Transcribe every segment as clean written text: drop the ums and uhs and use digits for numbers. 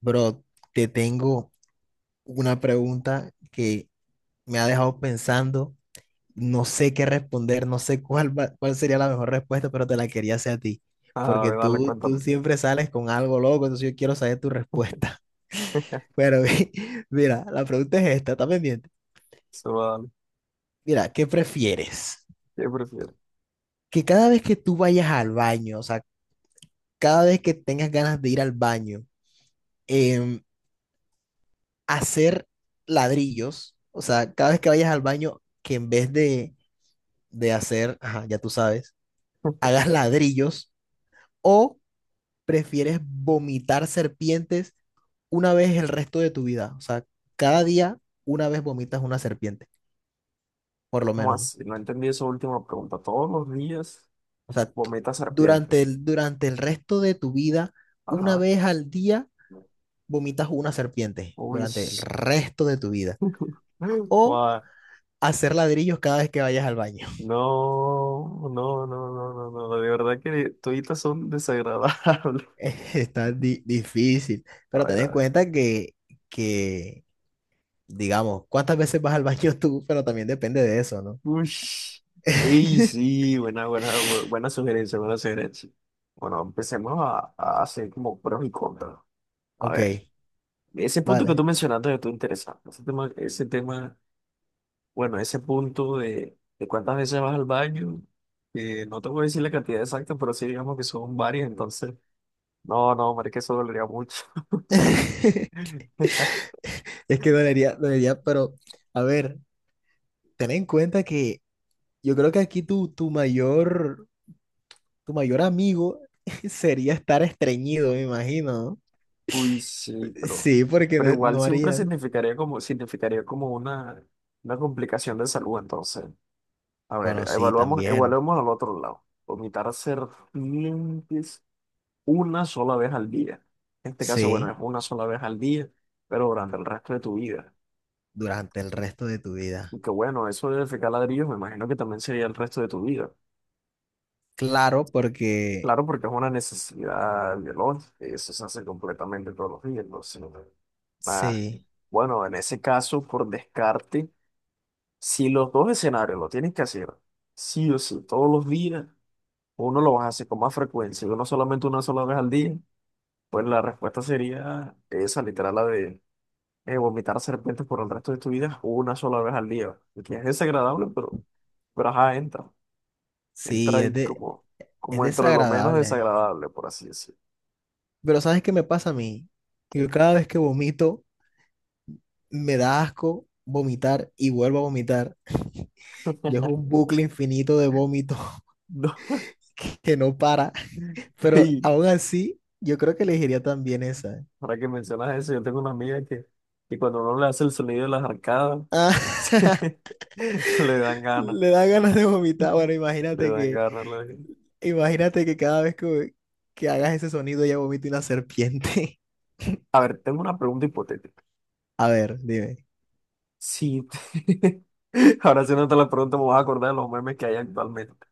Bro, te tengo una pregunta que me ha dejado pensando. No sé qué responder, no sé cuál sería la mejor respuesta, pero te la quería hacer a ti, A porque ver, dale, tú cuéntame. siempre sales con algo loco, entonces yo quiero saber tu respuesta. Pero mi- Mira, la pregunta es esta, está pendiente. Se va a dar. Mira, ¿qué prefieres? ¿Qué prefieres? Que cada vez que tú vayas al baño, o sea, cada vez que tengas ganas de ir al baño, em, hacer ladrillos, o sea, cada vez que vayas al baño, que en vez de hacer, ajá, ya tú sabes, hagas ladrillos o prefieres vomitar serpientes una vez el resto de tu vida. O sea, cada día una vez vomitas una serpiente, por lo ¿Cómo menos. así? No entendí esa última pregunta. Todos los días O sea, tú- vomita serpiente. Durante durante el resto de tu vida, una Ajá. vez al día vomitas una serpiente, Uy. durante el resto de tu vida. O Guau. hacer ladrillos cada vez que vayas al baño. No, no, no, no, no, no. De verdad que toditas son desagradables. Está difícil, A pero ten ver, a en ver. cuenta que digamos, cuántas veces vas al baño tú, pero también depende de eso, ¿no? Uy. Y sí, buena, buena, buena sugerencia, buena sugerencia. Bueno, empecemos a hacer como pros y contras. A Ok, ver. Ese punto que vale. tú mencionaste de tú interesante. Ese tema, bueno, ese punto de cuántas veces vas al baño, no te voy a decir la cantidad exacta, pero sí digamos que son varias, entonces, no, no, marica, eso dolería mucho. Es que dolería, dolería, pero a ver, ten en cuenta que yo creo que aquí tu mayor amigo sería estar estreñido, me imagino. Uy, ¿No? sí, Sí, porque pero no, igual no siempre harías. Significaría como una complicación de salud, entonces. A ver, Bueno, sí, también. evaluemos al otro lado. Vomitar serpientes una sola vez al día. En este caso, bueno, es Sí, una sola vez al día, pero durante el resto de tu vida. durante el resto de tu vida. Y que bueno, eso de defecar ladrillos, me imagino que también sería el resto de tu vida. Claro, porque Claro, porque es una necesidad biológica, y eso se hace completamente todos los días, entonces, nada. sí, Bueno, en ese caso, por descarte, si los dos escenarios lo tienes que hacer, sí o sí, todos los días, uno lo vas a hacer con más frecuencia y uno solamente una sola vez al día, pues la respuesta sería esa, literal, la de vomitar serpientes por el resto de tu vida una sola vez al día. Y que es desagradable, pero ajá, entra. Entra sí, es ahí de, como, es como dentro de lo menos desagradable. desagradable, por así decirlo. Pero ¿sabes qué me pasa a mí? Yo Que- cada vez que vomito, me da asco vomitar y vuelvo a vomitar. Y es un bucle infinito de vómito No, que no para. Pero y aún así, yo creo que elegiría también esa. ahora que mencionas eso, yo tengo una amiga que cuando uno le hace el sonido de las arcadas, Ah, se- le dan ganas, le da ganas de vomitar. Bueno, le dan ganas. Imagínate que cada vez que hagas ese sonido ya vomita una serpiente. A ver, tengo una pregunta hipotética. A ver, dime, Sí, ahora sí, no te la pregunta me voy a acordar de los memes que hay actualmente.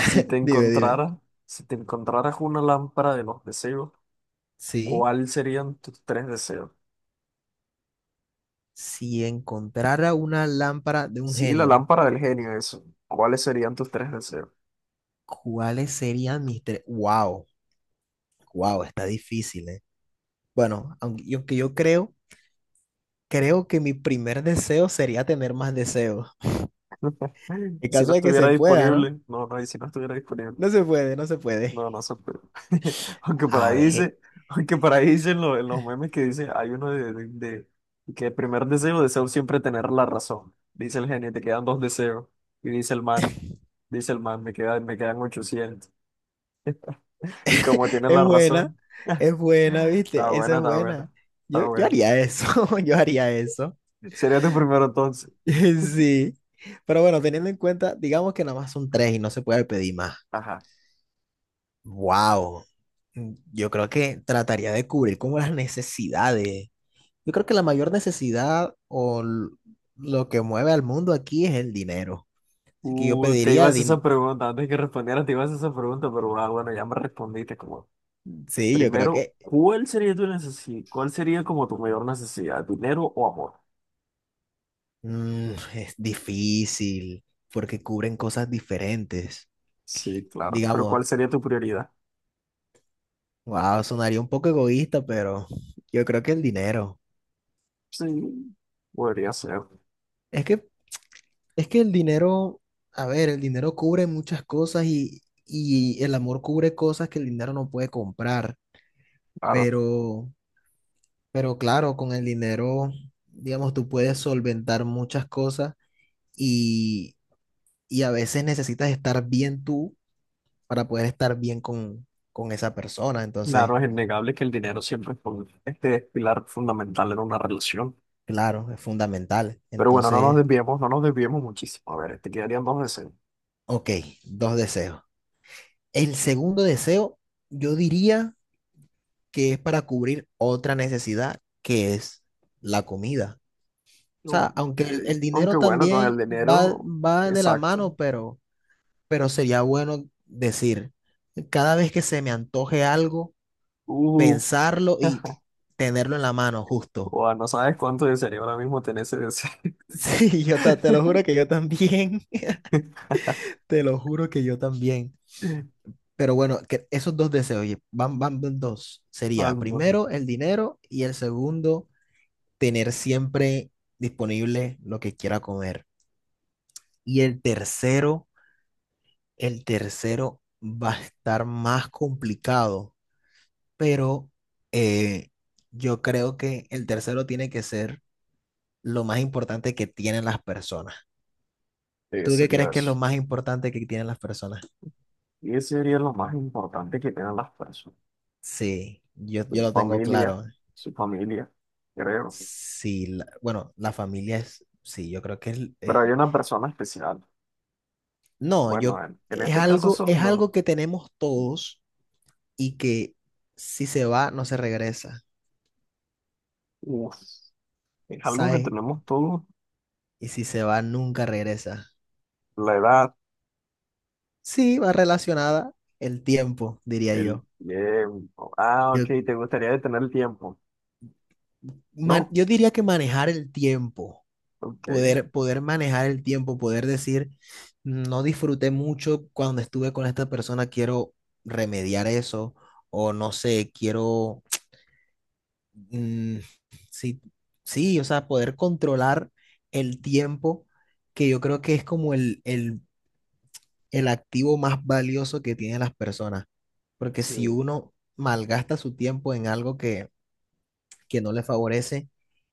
Si te dime, dime. encontrara, si te encontraras una lámpara de los deseos, Sí, ¿cuáles serían tus tres deseos? si encontrara una lámpara de un Sí, la genio. lámpara del genio, eso. ¿Cuáles serían tus tres deseos? ¿Cuáles serían mis tres? Wow, wow, está difícil, ¿eh? Bueno, aunque yo, creo que mi primer deseo sería tener más deseos. En Y si no caso de que estuviera se pueda, ¿no? disponible, no, no, y si no estuviera disponible. No se puede, no se puede. No, no sé pero aunque por A ahí ver, dice, aunque por ahí dicen en los memes que dice, hay uno de, que el primer deseo, deseo siempre tener la razón. Dice el genio, te quedan dos deseos. Y dice el man, me quedan 800. Y como tiene es la buena, razón, es buena, está ¿viste? Esa buena, es está buena. buena, Yo, está yo buena. haría eso, yo haría eso. Sería tu primero entonces. Sí. Pero bueno, teniendo en cuenta, digamos que nada más son tres y no se puede pedir más. Ajá. Wow. Yo creo que trataría de cubrir como las necesidades. Yo creo que la mayor lo que mueve al mundo aquí es el dinero. Así que yo Te ibas a hacer esa pregunta, antes que respondiera te ibas a hacer esa pregunta, pero ah, bueno, ya me respondiste como sí, yo creo primero, que ¿cuál sería tu necesidad? ¿Cuál sería como tu mayor necesidad? ¿Dinero o amor? mm, es difícil porque cubren cosas diferentes. Sí, claro. Pero Digamos, ¿cuál sería tu prioridad? wow, sonaría un poco egoísta, pero yo creo que el dinero. Sí, podría ser, Es que, es que el dinero, a ver, el dinero cubre muchas cosas y el amor cubre cosas que el dinero no puede comprar, claro. pero... Pero claro, con el dinero, digamos, tú puedes solventar muchas cosas y, y a veces necesitas estar bien tú para poder estar bien con esa persona. Entonces, Claro, es innegable que el dinero siempre es un- este es pilar fundamental en una relación. claro, es fundamental. Pero bueno, no nos Entonces, desviemos, no nos desviemos muchísimo. A ver, te quedarían dos deseos. ok, dos deseos. El segundo deseo, yo diría que es para cubrir otra necesidad, que es la comida. O Ok. sea, aunque el Aunque dinero bueno, con el también va, dinero, va de la exacto. mano, pero sería bueno decir, cada vez que se me antoje algo, Uf, pensarlo y tenerlo en la mano, justo. buah, no sabes cuánto desearía ahora mismo tener ese deseo. Sí, yo te lo juro que yo también, te lo juro que yo también. Pero bueno, que esos dos deseos, oye, van, van dos. Ah, Sería no. primero el dinero y el segundo, tener siempre disponible lo que quiera comer. Y el tercero va a estar más complicado pero eh, yo creo que el tercero tiene que ser lo más importante que tienen las personas. Sí, ¿Tú qué sería crees que es lo eso. más importante que tienen las personas? Y ese sería lo más importante que tienen las personas. Sí, yo Su lo tengo familia, claro. su familia, creo. Sí, bueno, la familia es, sí, yo creo que Pero hay una persona especial. no, yo, Bueno, en este caso son es los... algo que tenemos todos y que si se va, no se regresa, uf, es algo que ¿sabes? tenemos todos. Y si se va, nunca regresa. La edad, Sí, va relacionada el tiempo, diría el yo. tiempo. Ah, ok, Yo ¿te gustaría detener el tiempo? No, yo diría que manejar el tiempo, ok, poder, poder manejar el tiempo, poder decir, no disfruté mucho cuando estuve con esta persona, quiero remediar eso, o no sé, quiero, mm, sí, sí, o sea, poder controlar el tiempo, que yo creo que es como el activo más valioso que tienen las personas, porque sí. si uno malgasta su tiempo en algo que no le favorece,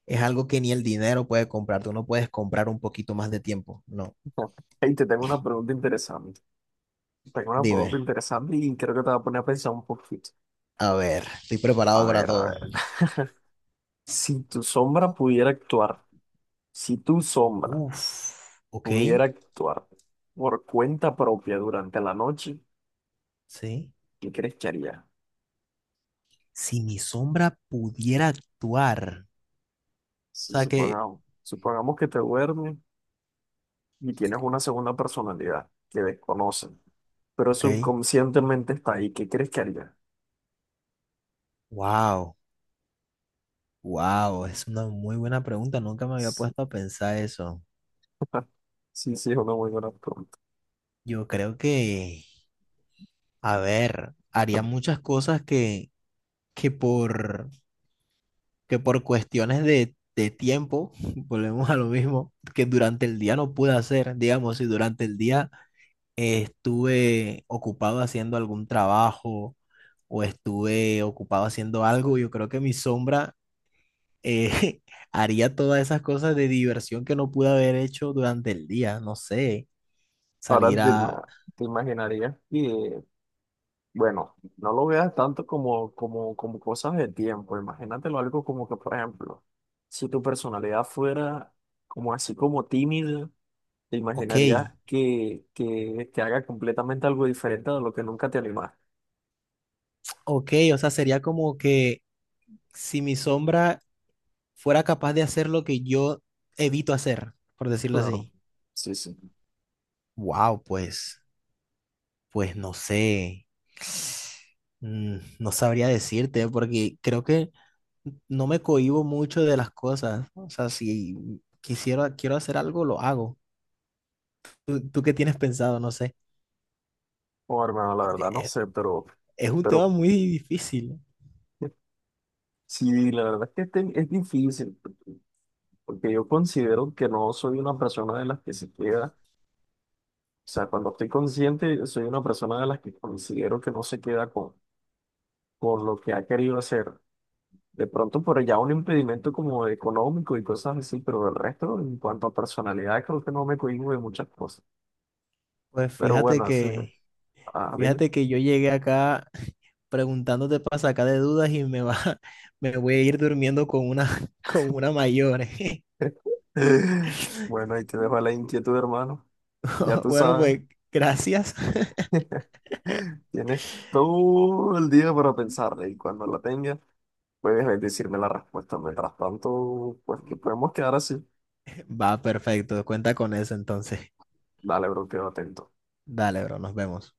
es algo que ni el dinero puede comprar. Tú no puedes comprar un poquito más de tiempo. No. Hey, te tengo una pregunta interesante. Tengo una Dime. pregunta interesante y creo que te va a poner a pensar un poquito. A ver, estoy A preparado para ver, a todo. ver. Si tu sombra pudiera actuar, si tu sombra Uf, ok. pudiera actuar por cuenta propia durante la noche, Sí. ¿qué crees que haría? Si mi sombra pudiera actuar. O Si sea que, supongamos, supongamos que te duermes y tienes una segunda personalidad que desconocen, pero ok. subconscientemente está ahí, ¿qué crees que haría? Wow, wow. Es una muy buena pregunta. Nunca me había Sí, puesto a pensar eso. sí, sí, es una muy buena pregunta. Yo creo que, a ver, haría muchas cosas que, que por que por cuestiones de tiempo, volvemos a lo mismo, que durante el día no pude hacer, digamos, si durante el día estuve ocupado haciendo algún trabajo o estuve ocupado haciendo algo, yo creo que mi sombra eh, haría todas esas cosas de diversión que no pude haber hecho durante el día, no sé, salir a, Te imaginarías que, bueno, no lo veas tanto como, como, como cosas de tiempo. Imagínatelo algo como que, por ejemplo, si tu personalidad fuera como así como tímida, te ok, imaginarías que haga completamente algo diferente de lo que nunca te animaste. ok, o sea, sería como que si mi sombra fuera capaz de hacer lo que yo evito hacer, por decirlo Claro. así. Sí, sí. Wow, pues, pues no sé. Mm, no sabría decirte porque creo que no me cohíbo mucho de las cosas. O sea, si quisiera, quiero hacer algo, lo hago. Tú qué tienes pensado? No sé. Oh, hermano, la Porque verdad no Es, sé, es un tema pero muy difícil. sí, la verdad es que es difícil, porque yo considero que no soy una persona de las que se queda, o sea, cuando estoy consciente, soy una persona de las que considero que no se queda con lo que ha querido hacer. De pronto por allá un impedimento como económico y cosas así, pero del resto, en cuanto a personalidad, creo que no me cohíbo de muchas cosas. Pues Pero bueno, así. Ah, dime. fíjate que yo llegué acá preguntándote para sacar de dudas y me va, me voy a ir durmiendo con una, con una mayor. Bueno, ahí te dejo la inquietud, hermano. Ya tú Bueno, sabes. pues gracias. Tienes todo el día para pensarla y cuando la tengas, puedes decirme la respuesta. Mientras tanto, pues que podemos quedar así. Va, perfecto. Cuenta con eso entonces. Dale, bro, quedo atento. Dale, bro, nos vemos.